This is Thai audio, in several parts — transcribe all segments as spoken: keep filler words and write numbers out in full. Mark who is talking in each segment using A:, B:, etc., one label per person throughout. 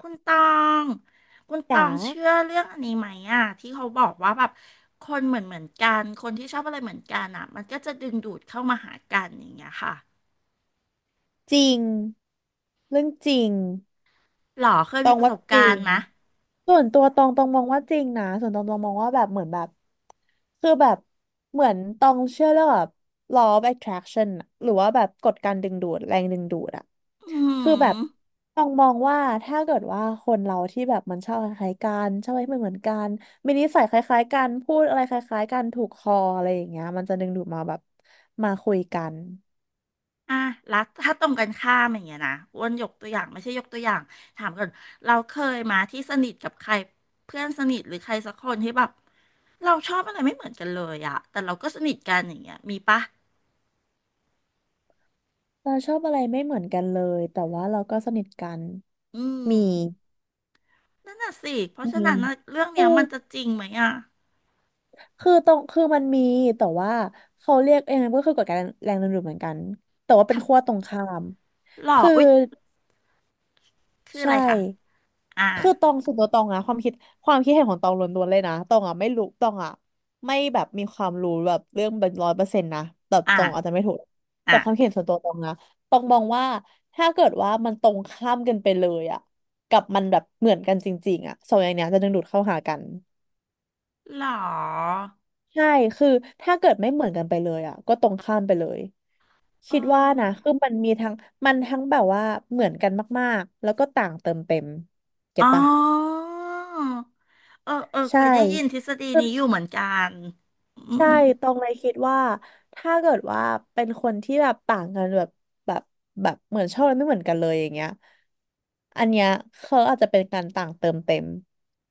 A: คุณตองคุณตอ
B: จ๋า
A: งเชื่อเรื่องอันนี้ไหมอ่ะที่เขาบอกว่าแบบคนเหมือนเหมือนกันคนที่ชอบอะไรเหมือนกันอ่ะมันก็จะดึงดูดเข้ามาหากันอย่างเงี้ยค่ะ
B: จริงเรื่องจริง
A: หรอเคย
B: ต
A: มี
B: อง
A: ประ
B: ว่า
A: สบ
B: จ
A: กา
B: ริ
A: รณ์
B: ง
A: ไหม
B: ส่วนตัวตองตองมองว่าจริงนะส่วนตองตองมองว่าแบบเหมือนแบบคือแบบเหมือนตองเชื่อเรื่องแบบ law of attraction อะหรือว่าแบบกฎการดึงดูดแรงดึงดูดอะ
A: อื
B: คือแบบ
A: ม
B: ตองมองว่าถ้าเกิดว่าคนเราที่แบบมันชอบคล้ายๆกันชอบอะไรที่มันเหมือนๆกันมีนิสัยคล้ายๆกันพูดอะไรคล้ายๆกันถูกคออะไรอย่างเงี้ยมันจะดึงดูดมาแบบมาคุยกัน
A: อ่ะแล้วถ้าตรงกันข้ามอย่างเงี้ยนะอ้วนยกตัวอย่างไม่ใช่ยกตัวอย่างถามก่อนเราเคยมาที่สนิทกับใครเพื่อนสนิทหรือใครสักคนที่แบบเราชอบอะไรไม่เหมือนกันเลยอะแต่เราก็สนิทกันอย่างเงี้ยมีปะ
B: เราชอบอะไรไม่เหมือนกันเลย แต่ว่าเราก็สนิทกัน
A: อื
B: มี
A: ม นั่นน่ะสิ เพราะ
B: มี
A: ฉะนั้นน่ะเรื่องเนี้
B: คือ
A: ยมันจะจริงไหมอ่ะ
B: คือตรงคือมันมี แต่ว่าเขาเรียกเองก็คือกฎการแรงดึงดูดเหมือนกัน แต่ว่าเป็นขั้ว
A: ท
B: ตรงข้าม
A: ำหล่อ
B: คือ
A: อุ๊ยคืออะ
B: ใช่
A: ไรคะอ่า
B: คือตองส่วนตัวตองอะความคิดความคิดเห็นของตองล้วนๆเลยนะตองอะไม่รู้ตองอะไม่แบบมีความรู้แบบเรื่องเป็นร้อยเปอร์เซ็นต์นะแต่
A: อ่า
B: ตองอาจจะไม่ถูก
A: อ่า
B: แต่ความคิดเห็นส่วนตัวตองนะตองมองว่าถ้าเกิดว่ามันตรงข้ามกันไปเลยอะกับมันแบบเหมือนกันจริงๆอะสองอย่างเนี้ยจะดึงดูดเข้าหากัน
A: หล่อ
B: ใช่คือถ้าเกิดไม่เหมือนกันไปเลยอะก็ตรงข้ามไปเลย
A: เ
B: คิดว่านะ
A: ออ
B: คือมันมีทั้งมันทั้งแบบว่าเหมือนกันมากๆแล้วก็ต่างเติมเต็มเก็
A: อ๋
B: ตปะ
A: อเออ เออเค
B: ใช่
A: ยได้ยินทฤษฎีนี้อยู่เหมือนกันอื
B: ใช่
A: ม
B: ตรงเลยคิดว่าถ้าเกิดว่าเป็นคนที่แบบต่างกันแบบแบบแบบเหมือนชอบอะไรไม่เหมือนกันเลยอย่างเงี้ยอันเนี้ยเขาอาจจะเป็นการต่างเติมเต็ม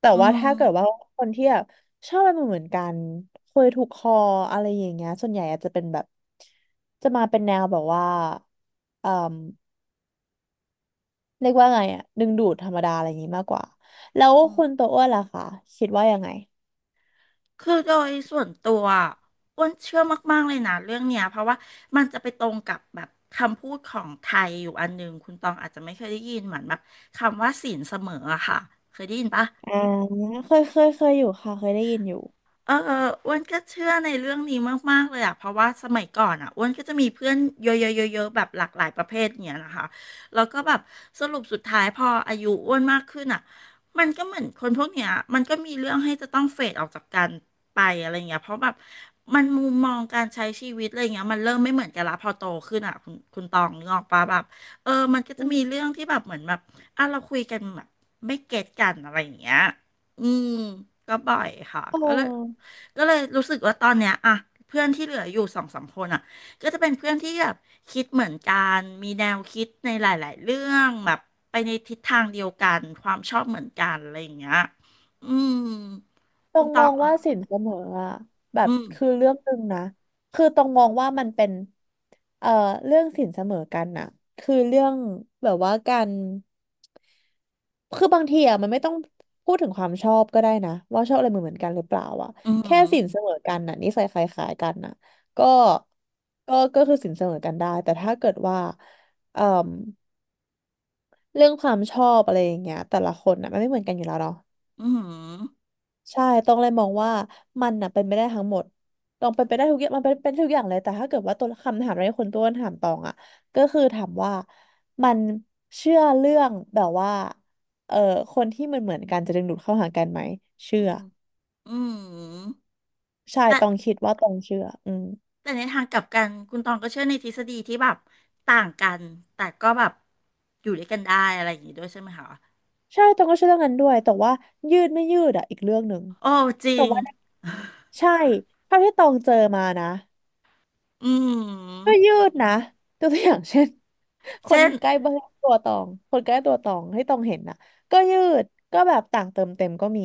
B: แต่
A: อื
B: ว่า
A: ม
B: ถ้าเกิดว่าคนที่แบบชอบอะไรเหมือนๆกันคุยถูกคออะไรอย่างเงี้ยส่วนใหญ่อาจจะเป็นแบบจะมาเป็นแนวแบบว่าเอ่อเรียกว่าไงอะดึงดูดธรรมดาอะไรอย่างงี้มากกว่าแล้ว
A: อืม
B: คุณตัวอ้วนล่ะคะคิดว่ายังไง
A: คือโดยส่วนตัวอ้วนเชื่อมากๆเลยนะเรื่องเนี้ยเพราะว่ามันจะไปตรงกับแบบคำพูดของไทยอยู่อันหนึ่ง คุณตองอาจจะไม่เคยได้ยินเหมือนแบบคำว่าศีลเสมออะค่ะ เคยได้ยินปะ
B: อ่าเคยเคยเคยอยู่ค่ะเคยได้ยินอยู่
A: เอออ้วนก็เชื่อในเรื่องนี้มากๆเลยอ่ะเพราะว่าสมัยก่อนอ่ะอ้วนก็จะมีเพื่อนเยอะๆๆๆแบบหลากหลายประเภทเนี่ยนะคะแล้วก็แบบสรุปสุดท้ายพออายุอ้วนมากขึ้นอ่ะมันก็เหมือนคนพวกเนี้ยมันก็มีเรื่องให้จะต้องเฟดออกจากกันไปอะไรเงี้ยเพราะแบบมันมุมมองการใช้ชีวิตอะไรเงี้ยมันเริ่มไม่เหมือนกันละพอโตขึ้นอ่ะคุณคุณตองนึกออกปะแบบเออมันก็จะมีเรื่องที่แบบเหมือนแบบอ่ะเราคุยกันแบบไม่เก็ตกันอะไรอย่างเงี้ย อืมก็บ่อยค่ะ
B: โอ
A: ก็เลย
B: ้
A: ก็เลยรู้สึกว่าตอนเนี้ยอะเพื่อนที่เหลืออยู่สองสามคนอะก็จะเป็นเพื่อนที่แบบคิดเหมือนกันมีแนวคิดในหลายๆเรื่องแบบไปในทิศทางเดียวกันความชอบเหมือนกันอะไรอย่างเงี้ยอืม
B: ตร
A: คุณ
B: ง
A: ต
B: ม
A: อ
B: อ
A: ง
B: ง
A: อ่ะ
B: ว่าสินเสมออะแบ
A: อื
B: บ
A: ม
B: คือเรื่องหนึ่งนะคือตรงมองว่ามันเป็นเอ่อเรื่องสินเสมอกันน่ะคือเรื่องแบบว่าการคือบางทีอะมันไม่ต้องพูดถึงความชอบก็ได้นะว่าชอบอะไรเหมือนเหมือนกันหรือเปล่าอะ
A: อืม
B: แค่สินเสมอกันน่ะนิสัยคล้ายๆกันน่ะก็ก็ก็คือสินเสมอกันได้แต่ถ้าเกิดว่าเอ่อเรื่องความชอบอะไรอย่างเงี้ยแต่ละคนน่ะมันไม่เหมือนกันอยู่แล้วเนาะ
A: อืม
B: ใช่ต้องเลยมองว่ามันน่ะเป็นไปได้ทั้งหมด ต้องเป็นไปได้ทุกอย่างมันเป็นเป็นทุกอย่างเลยแต่ถ้าเกิดว่าตัวคำถามในคนต้นถามตองอ่ะก็คือถามว่ามันเชื่อเรื่องแบบว่าเอ่อคนที่มันเหมือนๆกันจะดึงดูดเข้าหากันไหม
A: อื
B: เชื่อ
A: มอืม
B: ใช่
A: แต่
B: ต้องคิดว่าตองเชื่ออืม
A: แต่ในทางกลับกันคุณตองก็เชื่อในทฤษฎีที่แบบต่างกันแต่ก็แบบอยู่ด้วยกันได้อะไรอย่างงี้ด้วยใช่ไหมคะ
B: ใช่ตองก็เชื่อเรื่องนั้นด้วย แต่ว่ายืดไม่ยืดอ่ะอีกเรื่องหนึ่ง
A: โอ้จริ
B: แต่
A: ง
B: ว่าใช่เท่าที่ตองเจอมานะ
A: อื
B: ก็
A: ม
B: ยืดนะตัวอย่างเช่น ค
A: เช่
B: น
A: น
B: ใกล้บ้านตัวตองคนใกล้ตัวตองให้ตองเห็นน่ะก็ยืดก็แบบต่างเติมเต็มก็มี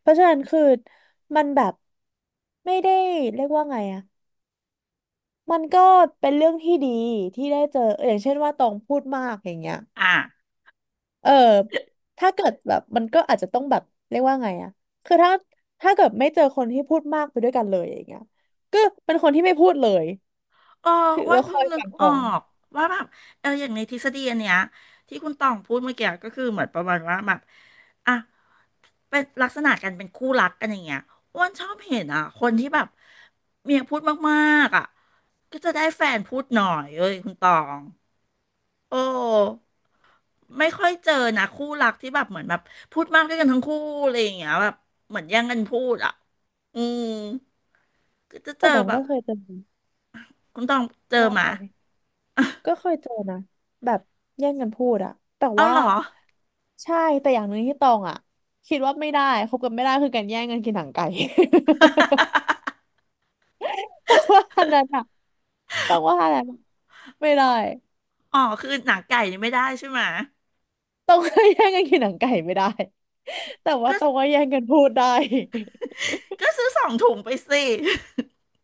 B: เพราะฉะนั้นคือมันแบบไม่ได้เรียกว่าไงอะมันก็เป็นเรื่องที่ดีที่ได้เจอเอออย่างเช่นว่าตองพูดมากอย่างเงี้ย
A: อ่ะ
B: เออถ้าเกิดแบบมันก็อาจจะต้องแบบเรียกว่าไงอะคือถ้าถ้าเกิดไม่เจอคนที่พูดมากไปด้วยกันเลยอย่างเงี้ยก็เป็นคนที่ไม่พูดเลย
A: โอ้
B: ถือ
A: อ้ว
B: แล้
A: น
B: วค
A: เพิ่
B: อ
A: ง
B: ย
A: นึ
B: ฟั
A: ก
B: งข
A: อ
B: อ
A: อ
B: ง
A: กว่าแบบเอออย่างในทฤษฎีอันเนี้ยที่คุณต่องพูดเมื่อกี้ก็คือเหมือนประมาณว่าแบบอ่ะ เป็นลักษณะกันเป็นคู่รักกันอย่างเงี้ยอ้วนชอบเห็นอ่ะ คนที่แบบ เมียพูดมากๆอ่ะก็จะได้แฟนพูดหน่อยเอ้ยคุณตอง โอ้ไม่ค่อยเจอนะคู่รักที่แบบเหมือนแบบพูดมากด้วยกันทั้งคู่อะไรอย่างเงี้ยแบบเหมือนแย่งกันพูดอ่ะอืมก็จะเจ
B: แต่
A: อ
B: ตอง
A: แบ
B: ก็
A: บ
B: เคยเจอ
A: คุณต้องเจอ
B: ว่า
A: มา
B: ไปก็เคยเจอนะแบบแย่งกันพูดอะแต่
A: เอา
B: ว่า
A: เหรอ
B: ใช่แต่อย่างหนึ่งที่ตองอะคิดว่าไม่ได้คบกันไม่ได้คือการแย่งกันกินหนังไก่ ต้องว่าอันนั้นอะต้องว่าอะไรนอะไม่ได้
A: อ๋อคือหนังไก่นี่ไม่ได้ใช่ไหม
B: ต้องว่แย่งกันกินหนังไก่ไม่ได้แต่ว่า
A: ก็
B: ตองว่แย่งกันพูดได้
A: ก็ซื้อสองถุงไปสิ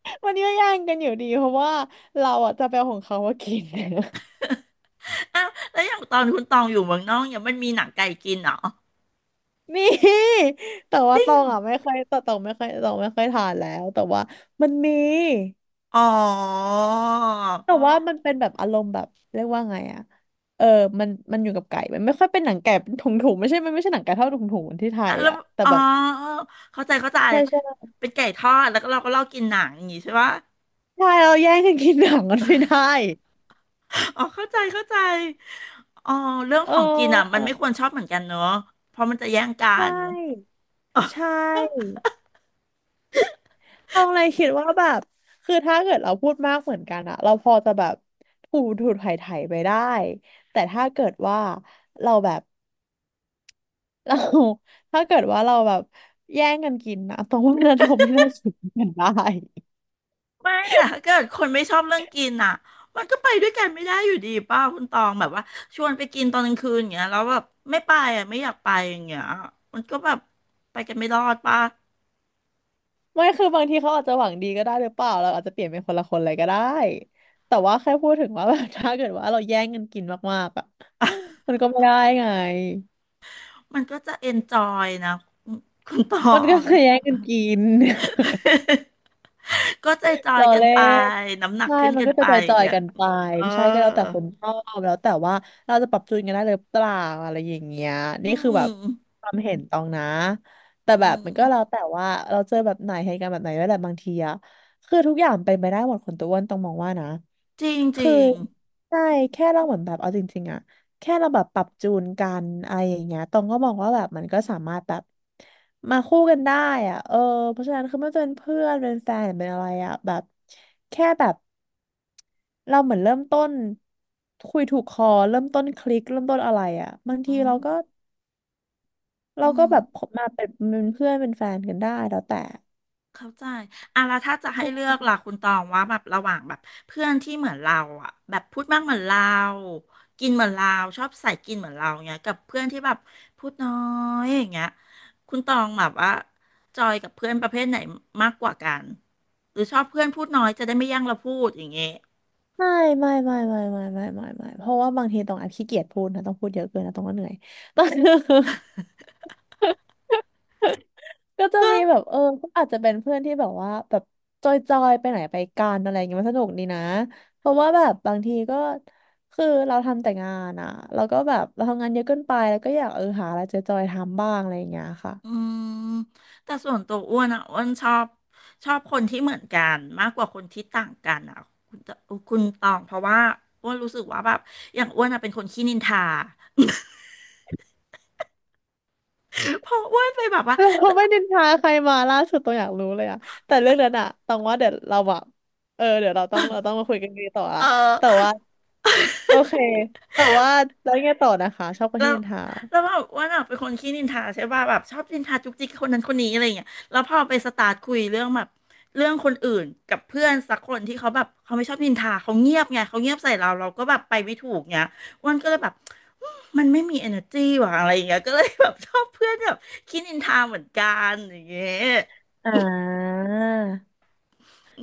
B: วันนี้ก็แย่งกันอยู่ดีเพราะว่าเราอะจะไปเอาของเขามากิน
A: อ้าวแล้วอย่างตอนคุณตองอยู่เมืองนอกเนี่ยมันมีหนังไก่กินเหรอ
B: นี่แต่
A: จ
B: ว่า
A: ริ
B: ต
A: ง
B: อ
A: เหร
B: ง
A: อ
B: อ่ะไม่ค่อยแต่ตองไม่ค่อยตองไม่ค่อยทานแล้วแต่ว่ามันมี
A: อ๋อ
B: แต่ว่ามันเป็นแบบอารมณ์แบบเรียกว่าไงอะเออมันมันอยู่กับไก่มันไม่ค่อยเป็นหนังไก่เป็นถุงถุงไม่ใช่มันไม่ใช่หนังไก่เท่าถุงถุงเหมือนที่ไท
A: อ่ะ
B: ย
A: แล้ว
B: อะแต่
A: อ๋อ
B: แบบ
A: เข้าใจเข้าใจ
B: ใช่ใช่
A: เป็นไก่ทอดแล้วก็เราก็ลอกกินหนังอย่างงี้ใช่ปะ
B: ใช่เราแย่งกันกินหนังกันไม่ได้
A: อ๋อเข้าใจเข้าใจอ๋อเรื่อง
B: เ
A: ของกินอ่ะมั
B: ออ
A: นไม่ควรชอบเหมือนกันเนอะเพราะมันจะแย่งกั
B: ใช่
A: น
B: ใช่ต้องเลยคิดว่าแบบคือถ้าเกิดเราพูดมากเหมือนกันอะเราพอจะแบบถูถูไถ่ไถ่ไปได้แต่ถ้าเกิดว่าเราแบบ เรา ถ้าเกิดว่าเราแบบแย่งกันกินนะตรงว่านั้นเราไม่น่า ถึงกันได้
A: ไม่แต่ถ้าเกิดคนไม่ชอบเรื่องกินอ่ะมันก็ไปด้วยกันไม่ได้อยู่ดีป้าคุณตองแบบว่าชวนไปกินตอนกลางคืนอย่างเงี้ยแล้วแบบไม่ไปอ่ะไม่อยากไปอย่างเงี้ยมันก็แบบไปกันไม่รอดป้า
B: ไม่คือบางทีเขาอาจจะหวังดีก็ได้หรือเปล่าเราอาจจะเปลี่ยนเป็นคนละคนเลยก็ได้แต่ว่าแค่พูดถึงว่าแบบ ถ้าเกิดว่าเราแย่งกันกินมากๆอ่ะ มันก็ไม่ได้ไง
A: มันก็จะเอนจอยนะคุณต
B: มั
A: อ
B: นก็
A: ง
B: จะแย่งกันกิน
A: ก็ใจจอ
B: ร
A: ย
B: อ
A: กัน
B: เล่
A: ไป
B: น
A: น้ำหนัก
B: ใช่
A: ขึ้น
B: มัน
A: กัน
B: ก็จะ
A: ไป
B: จ
A: อย่าง
B: อย
A: เงี้
B: ๆ
A: ย
B: กันไป
A: เอ
B: ใช่ก็แล้วแต่
A: อ
B: คนชอบแล้วแต่ว่าเราจะปรับจูนกันได้หรือเปล่าอะไรอย่างเงี้ย
A: อื
B: นี่คือแบบ
A: ม
B: ความเห็นตองนะแต่
A: อื
B: แบบ
A: ม
B: มันก็แล้วแต่ว่าเราเจอแบบไหนเหตุการณ์แบบไหนด้วยแหละบางทีอะคือทุกอย่างเป็นไปได้หมดคนตัวอ้วนต้องมองว่านะ
A: จริงจ
B: คือ
A: ริง
B: ใช่แค่เราเหมือนแบบเอาจริงๆอะแค่เราแบบปรับจูนกันอะไรอย่างเงี้ยตองก็มองว่าแบบมันก็สามารถแบบมาคู่กันได้อะเออเพราะฉะนั้นคือไม่ว่าจะเป็นเพื่อนเป็นแฟนหรือเป็นอะไรอะแบบแค่แบบเราเหมือนเริ่มต้นคุยถูกคอเริ่มต้นคลิกเริ่มต้นอะไรอะบาง
A: อื
B: ทีเรา
A: ม
B: ก็เรา
A: อื
B: ก็
A: ม
B: แบบมาเป็นเป็นเพื่อนเป็นแฟนกันได้แล้วแต่
A: เข้าใจอ่ะแล้วถ้าจะให้เลือกล่ะคุณตองว่าแบบระหว่างแบบเพื่อนที่เหมือนเราอ่ะแบบพูดมากเหมือนเรา กินเหมือนเราชอบใส่กินเหมือนเราเงี้ยกับเพื่อนที่แบบพูดน้อยอย่างเงี้ยคุณตองแบบว่าจอยกับเพื่อนประเภทไหนมากกว่ากันหรือชอบเพื่อนพูดน้อยจะได้ไม่แย่งเราพูดอย่างเงี้ย
B: ไม่ไม่ไม่ไม่ไม่ไม่ไม่ไม่ไม่เพราะว่าบางทีต้องอาจขี้เกียจพูดนะต้องพูดเยอะเกินนะต้องก็เหนื่อย ต้อง ก็จะ
A: ก็
B: มีแบบเออก็อาจจะเป็นเพื่อนที่แบบว่าแบบจอยจอยไปไหนไปกันอะไรอย่างเงี้ยมันสนุกดีนะเพราะว่าแบบบางทีก็คือเราทำแต่งานอ่ะแล้วก็แบบเราทำงานเยอะเกินไปแล้วก็อยากเออหาอะไรจอยจอยทำบ้างอะไรอย่างเงี้ยค่ะ
A: อืมแต่ส่วนตัวอ้วนอ่ะอ้วนชอบชอบคนที่เหมือนกันมากกว่าคนที่ต่างกันอ่ะคุณตคุณตองเพราะว่าอ้วนรู้สึกว่าแบบอย่างอ้วนอ่ะเป็นคนขี้นินทา เพราะอ้วนไปแบบว่า
B: เราไม่นินทาใครมาล่าสุดต้องอยากรู้เลยอ่ะแต่เรื่องนั้นอะต้องว่าเดี๋ยวเราแบบเออเดี๋ยวเราต้องเราต้องมาคุยกันดีต่อละ
A: เอ
B: แต่
A: อ
B: ว่า โอเค แต่ว่าแล้วยังไงต่อนะคะชอบคน
A: แล้
B: ที่
A: ว
B: นินทา
A: แล้วแบบอว่าน่ะเป็นคนขี้นินทาใช่ป่ะแบบชอบนินทาจุกจิกคนนั้นคนนี้อะไรอย่างเงี้ยแล้วพอไปสตาร์ทคุยเรื่องแบบเรื่องคนอื่นกับเพื่อนสักคนที่เขาแบบเขาไม่ชอบนินทาเขาเงียบไงเขาเงียบใส่เราเราก็แบบไปไม่ถูกเงี้ยอ้วันก็เลยแบบอืมมันไม่มี energy ว่ะอะไรอย่างเงี้ยก็เลยแบบชอบเพื่อนแบบขี้นินทาเหมือนกันอย่างเงี้ย
B: อ่า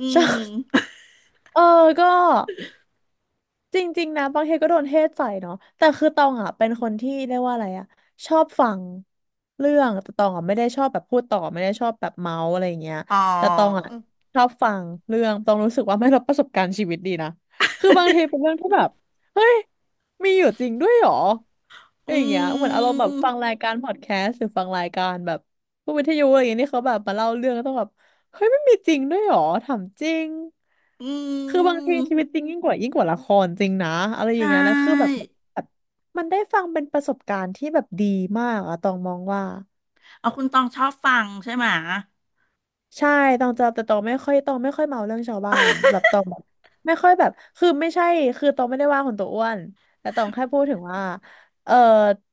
A: อื
B: ชอบ
A: ม
B: เออก็ จริงๆนะบางทีก็โดนเทศใส่เนาะแต่คือตองอ่ะเป็นคนที่เรียกว่าอะไรอ่ะชอบฟังเรื่องแต่ตองอ่ะไม่ได้ชอบแบบพูดต่อไม่ได้ชอบแบบเมาส์อะไรอย่างเงี้ย
A: อ๋อ
B: แต่ตองอ่ะชอบฟังเรื่องตองรู้สึกว่าไม่รับประสบการณ์ชีวิตดีนะคือบางทีเป็นเรื่องที่แบบเฮ้ยมีอยู่จริงด้วยเหรออ
A: อื
B: ย่างเงี้ยเหมือนอารมณ์แบบ
A: ม
B: ฟังรายการพอดแคสต์หรือฟังรายการแบบพวกวิทยุอะไรอย่างเงี้ยที่เขาแบบมาเล่าเรื่องแล้วต้องแบบ เฮ้ยไม่มีจริงด้วยเหรอถามจริง
A: อื
B: คือบางที
A: ม
B: ชีวิตจริงยิ่งกว่ายิ่งกว่าละครจริงนะอะไร
A: ใช
B: อย่างเงี้ยแล้วคือแบ
A: ่
B: บแบบมันได้ฟังเป็นประสบการณ์ที่แบบดีมากอะตองมองว่า
A: เอาคุณตองชอบฟังใช่ไหม
B: ใช่ตองจะแต่ตองไม่ค่อยตองไม่ค่อยเมาเรื่องชาวบ้านแบบตองแบบไม่ค่อยแบบคือไม่ใช่คือตองไม่ได้ว่าคนตัวอ้วนแต่ตองแค่พูดถึงว่าเออ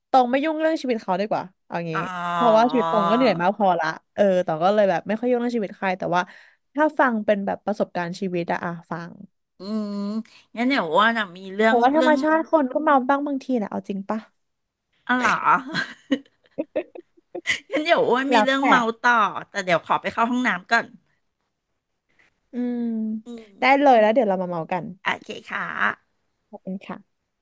B: ตองไม่ยุ่งเรื่องชีวิตเขาดีกว่าเอา
A: อ๋
B: งี้
A: อ
B: เพราะว่าชีวิตตองก็เหนื่อยมากพอละเออตองก็เลยแบบไม่ค่อยยุ่งเรื่องชีวิตใครแต่ว่าถ้าฟังเป็นแบบประสบการณ์ชีวิตอะอะฟัง
A: อืม งั้นเดี๋ยวอ้วนอะมีเรื่อ
B: แต่
A: ง
B: ว่าธร
A: เรื่
B: ร
A: อ
B: ม
A: ง
B: ชาติคนก็เมาบ้างบางทีนะเอาจริงปะ
A: อะไรเหรอ งั้นเดี๋ยวอ้วนมี
B: แล้ว
A: เรื่อง
B: แต่
A: เมาต่อ แต่เดี๋ยวขอไปเข้าห้องน้ำก่อน
B: อืม
A: อืม
B: ได้เลยแล้วเดี๋ยวเรามาเมากัน
A: โอเคค่ะ
B: ขอบคุณค่ะ